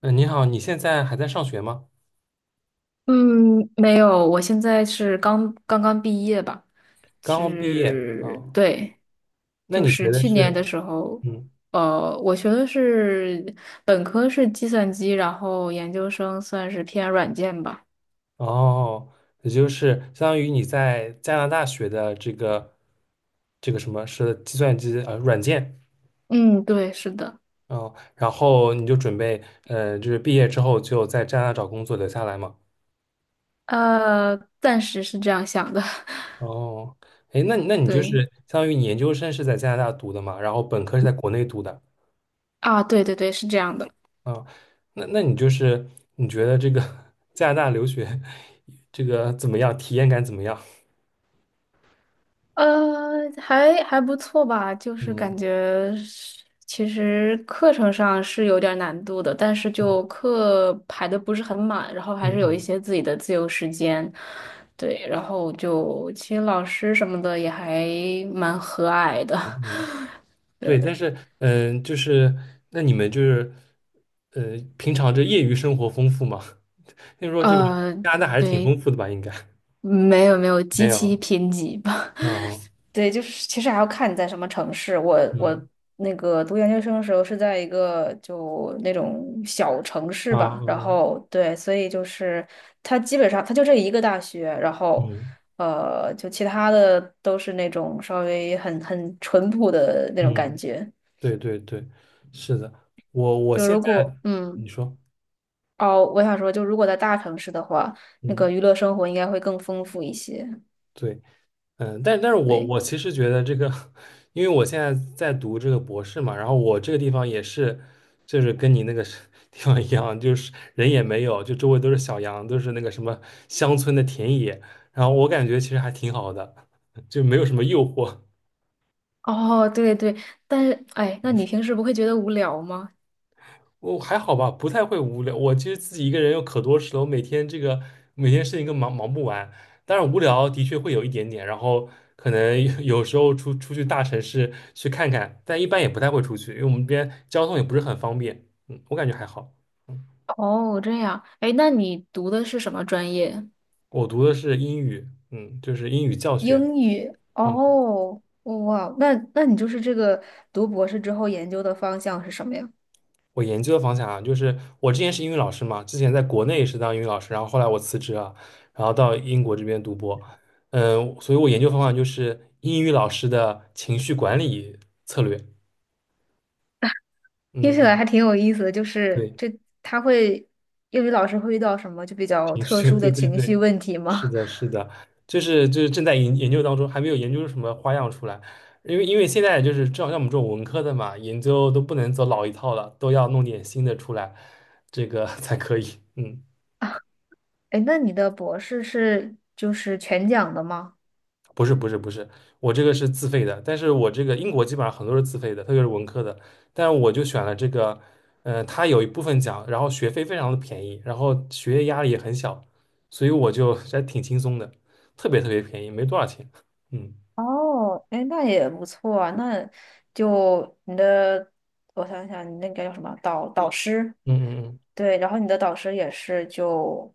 嗯，你好，你现在还在上学吗？嗯，没有，我现在是刚刚毕业吧，刚刚毕业啊？是，对，那就你是学的去年是，的时候，嗯，我学的是本科是计算机，然后研究生算是偏软件吧。哦，也就是相当于你在加拿大学的这个什么是计算机软件。嗯，对，是的，哦，然后你就准备就是毕业之后就在加拿大找工作留下来嘛？暂时是这样想的，哦，哎，那你那 你就是对，相当于你研究生是在加拿大读的嘛，然后本科是在国内读的。啊，对对对，是这样的。啊，那你就是你觉得这个 加拿大留学这个怎么样？体验感怎么样？还不错吧，就是感嗯觉是其实课程上是有点儿难度的，但是就课排的不是很满，然后嗯还是有一嗯些自己的自由时间，对，然后就其实老师什么的也还蛮和蔼的，嗯，嗯，对，对，但是嗯，就是那你们就是平常这业余生活丰富吗？听说这个呃，加拿大还是挺对，丰富的吧？应该 没有没有 极没其有贫瘠吧。啊。对，就是其实还要看你在什么城市。我嗯我那个读研究生的时候是在一个就那种小城市啊吧，然哦后对，所以就是它基本上就这一个大学，然后嗯就其他的都是那种稍微很淳朴的那种感嗯，觉。对对对，是的，我就现如果在你说哦，我想说，就如果在大城市的话，那嗯。个娱乐生活应该会更丰富一些。对。嗯，但是我对，我其实觉得这个，因为我现在在读这个博士嘛，然后我这个地方也是，就是跟你那个是 地方一样，就是人也没有，就周围都是小羊，都是那个什么乡村的田野，然后我感觉其实还挺好的，就没有什么诱惑。哦，对对，但是哎，那你平时不会觉得无聊吗？我还好吧，不太会无聊。我其实自己一个人有可多事了，我每天这个每天事情都忙不完。但是无聊的确会有一点点，然后可能 有时候出去大城市去看看，但一般也不太会出去，因为我们这边交通也不是很方便。嗯，我感觉还好。嗯，哦，这样，哎，那你读的是什么专业？我读的是英语，嗯，就是英语教学。英语嗯。哦，哇，那你就是这个读博士之后研究的方向是什么呀？我研究的方向啊，就是我之前是英语老师嘛，之前在国内是当英语老师，然后后来我辞职了，然后到英国这边读博，嗯，所以我研究方向就是英语老师的情绪管理策略。听起来嗯，还挺有意思的，就是对，这他会英语老师会遇到什么就比较情特绪，殊对的对情绪对，问题是吗？的，是的，就是正在研究当中，还没有研究出什么花样出来，因为现在就是正好像我们这种文科的嘛，研究都不能走老一套了，都要弄点新的出来，这个 才可以。嗯。哎，那你的博士是就是全奖的吗？不是不是不是，我这个是自费的，但是我这个英国基本上很多是自费的，特别是文科的，但我就选了这个，它有一部分奖，然后学费非常的便宜，然后学业压力也很小，所以我就 还挺轻松的，特别特别便宜，没多少钱。嗯哦，哎，那也不错啊，那就你的，我想想，你那个叫什么导师？嗯嗯对，然后你的导师也是就，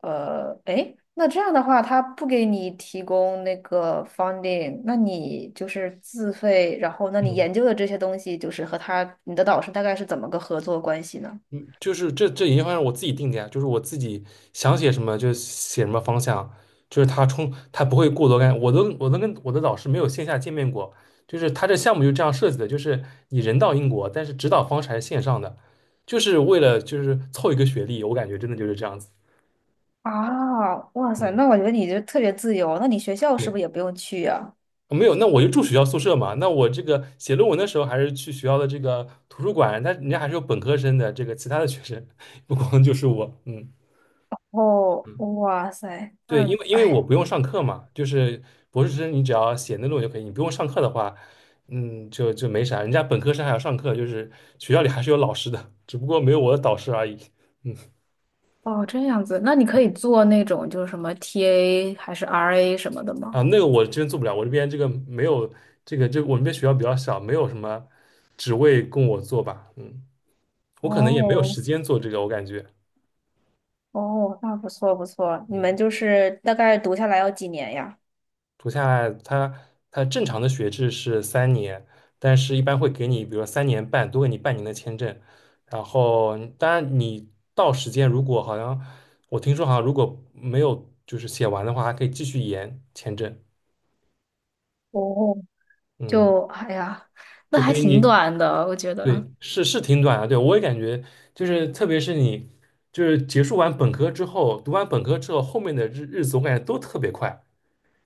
诶，那这样的话，他不给你提供那个 funding,那你就是自费，然后那嗯你嗯。研究的这些东西，就是和他，你的导师大概是怎么个合作关系呢？就是这研究方向我自己定的呀，就是我自己想写什么就写什么方向，就是他不会过多干，我都跟我的老师没有线下见面过，就是他这项目就这样设计的，就是你人到英国，但是指导方式还是线上的，就是为了就是凑一个学历，我感觉真的就是这样子。啊，哇塞，嗯，那我觉得你就特别自由，那你学校是对，不是也不用去呀？哦没有，那我就住学校宿舍嘛，那我这个写论文的时候还是去学校的这个图书馆，但人家还是有本科生的这个其他的学生，不光就是我。嗯。哦，嗯，哇塞，对，因那为因为我哎，不用上课嘛，就是博士生你只要写那论文就可以，你不用上课的话，嗯，就没啥。人家本科生还要上课，就是学校里还是有老师的，只不过没有我的导师而已。嗯。哦，这样子，那你可以做那种就是什么 TA 还是 RA 什么的吗？啊，那个我真做不了，我这边这个没有这个，就我们这边学校比较小，没有什么职位供我做吧。嗯，我可能也没有哦，时间做这个，我感觉。哦，那不错不错，你们嗯。就是大概读下来要几年呀？读下来，它正常的学制是三年，但是一般会给你，比如说3年半，多给你半年的签证。然后当然你到时间如果好像我听说好像如果没有就是写完的话，还可以继续延签证，哦，嗯，就哎呀，那就还可以挺你短的，我觉得。对是挺短啊。对，我也感觉就是特别是你就是结束完本科之后，读完本科之后，后面的日子我感觉都特别快，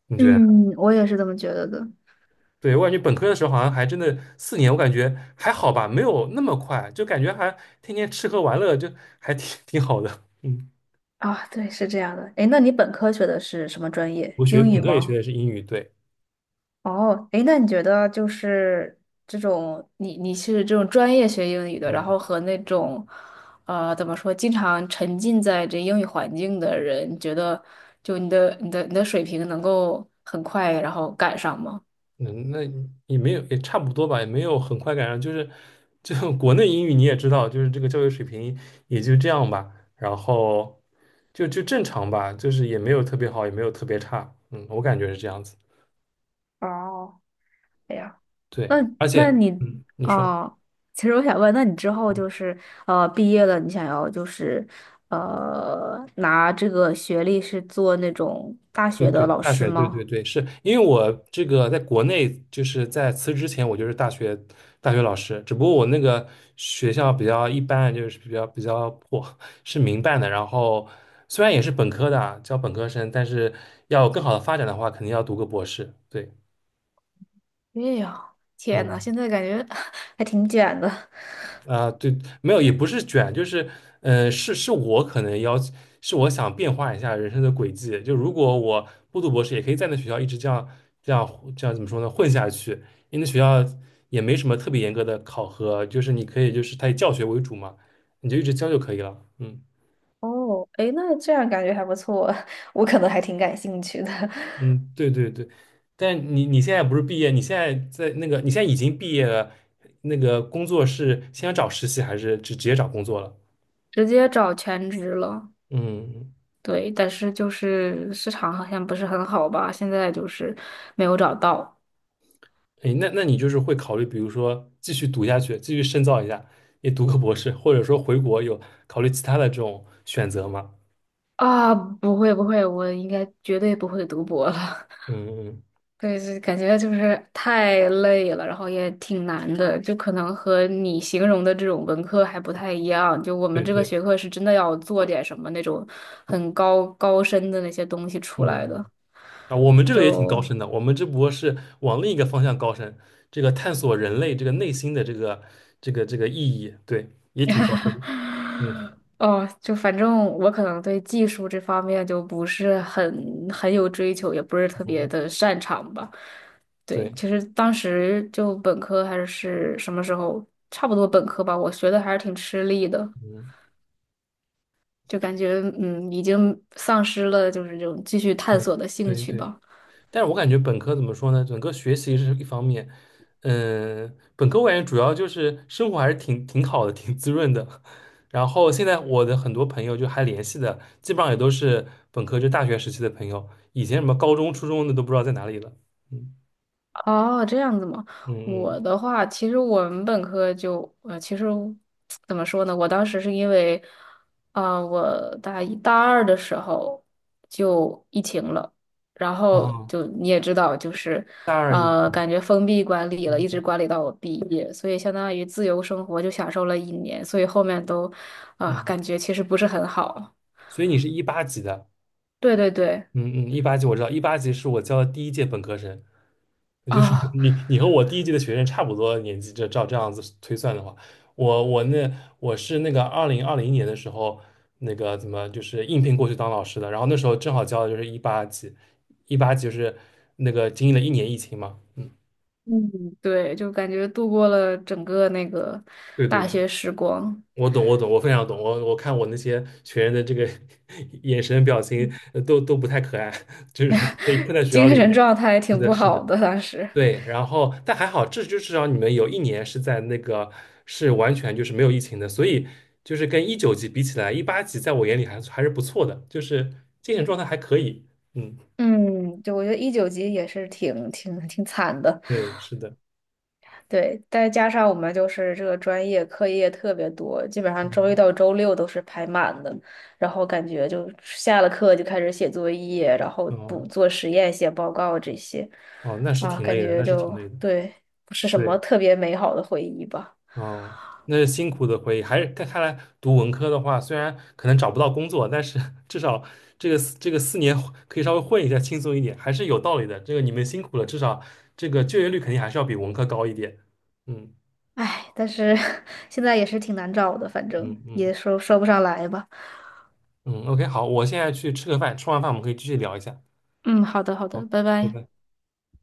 你觉得？嗯，我也是这么觉得的。对，我感觉本科的时候好像还真的四年，我感觉还好吧，没有那么快，就感觉还天天吃喝玩乐，就还挺 挺好的。嗯。啊，对，是这样的。哎，那你本科学的是什么专业？我学英本语科也学吗？的是英语，对。哦，哎，那你觉得就是这种你是这种专业学英语的，然嗯后和那种怎么说，经常沉浸在这英语环境的人，你觉得就你的水平能够很快然后赶上吗？嗯，那也没有也差不多吧，也没有很快赶上，就 国内英语你也知道，就是这个教育水平也就这样吧，然后就正常吧，就是也没有特别好，也没有特别差，嗯，我感觉是这样子。哦，哎呀，那对，而且那你嗯，你说。哦，其实我想问，那你之后就是毕业了，你想要就是拿这个学历是做那种大对学对，的老大师学，对对吗？对，是因为我这个在国内，就是在辞职之前，我就是大学老师，只不过我那个学校比较一般，就是比较破，是民办的。然后虽然也是本科的啊，教本科生，但是要有更好的发展的话，肯定要读个博士。对。哎呀，天呐，嗯，现在感觉 还挺卷的。啊，对，没有，也不是卷，就是，是我可能要，是我想变化一下人生的轨迹。就如果我不读博士，也可以在那学校一直这样怎么说呢，混下去。因为那学校也没什么特别严格的考核，就是你可以就是它以教学为主嘛，你就一直教就可以了。嗯。哦，哎，那这样感觉还不错，我可能还挺感兴趣的，嗯，对对对。但你现在不是毕业，你现在已经毕业了，那个工作是先找实习还是直接找工作了？直接找全职了。嗯，对，但是就是市场好像不是很好吧，现在就是没有找到。哎，那你就是会考虑，比如说继续读下去，继续深造一下，也读个博士，或者说回国有考虑其他的这种选择吗？啊，不会不会，我应该绝对不会读博了。嗯嗯，对，是感觉就是太累了，然后也挺难的，就可能和你形容的这种文科还不太一样。就我们对这个对。学科是真的要做点什么那种很高深的那些东西出来的，嗯，啊，我们这个也挺高就 深的，我们只不过是往另一个方向高深，这个探索人类这个内心的这个意义，对，也挺高深的。嗯 哦，就反正我可能对技术这方面就不是很有追求，也不是特别嗯，的擅长吧。对，对，其实当时就本科还是什么时候，差不多本科吧，我学的还是挺吃力的，嗯就感觉已经丧失了就是这种继续探嗯，索的兴对趣对。吧。但是我感觉本科怎么说呢？整个学习是一方面，嗯，本科我感觉主要就是生活还是挺挺好的，挺滋润的。然后现在我的很多朋友就还联系的，基本上也都是本科就大学时期的朋友，以前什么高中、初中的都不知道在哪里了。嗯哦，这样子吗？我嗯的话，其实我们本科就，其实怎么说呢？我当时是因为，啊、我大一大二的时候就疫情了，然嗯，后啊，就你也知道，就是，大二一，感觉封闭管理了，嗯一直管理到我毕业，所以相当于自由生活就享受了一年，所以后面都，嗯，啊、嗯，感觉其实不是很好。所以你是一八级的。对对对，嗯嗯，一八级我知道，一八级是我教的第一届本科生，就是 啊、你和我第一届的学生差不多年纪，这样子推算的话，我我那我是那个2020年的时候，那个怎么就是应聘过去当老师的，然后那时候正好教的就是一八级，一八级就是那个经历了一年疫情嘛，嗯，嗯，对，就感觉度过了整个那个对对大对，学时光，我懂我懂，我非常懂，我看我那些学员的这个 眼神表情嗯 都不太可爱，就是被困在 学校精里神面，状态是挺的不是的。好的当时。对，然后但还好，至少你们有一年是在那个是完全就是没有疫情的，所以就是跟19级比起来，一八级在我眼里还是不错的，就是精神状态还可以。嗯，嗯，就我觉得19级也是挺惨的，对，是的，对，再加上我们就是这个专业课业特别多，基本上周一嗯，到周六都是排满的，然后感觉就下了课就开始写作业，然后哦，补做实验、写报告这些，哦，那是啊，挺感累的，觉那是挺就累的。对，不是什对。么特别美好的回忆吧。哦，那是辛苦的回忆。还是看来读文科的话，虽然可能找不到工作，但是 至少这个四年可以稍微混一下，轻松一点，还是有道理的。这个你们辛苦了，至少这个就业率肯定还是要比文科高一点。嗯唉，但是 现在也是挺难找的，反正嗯嗯也说不上来吧。嗯，OK，好，我现在去吃个饭，吃完饭我们可以继续聊一下。嗯，好的，好好，的，拜拜拜。拜。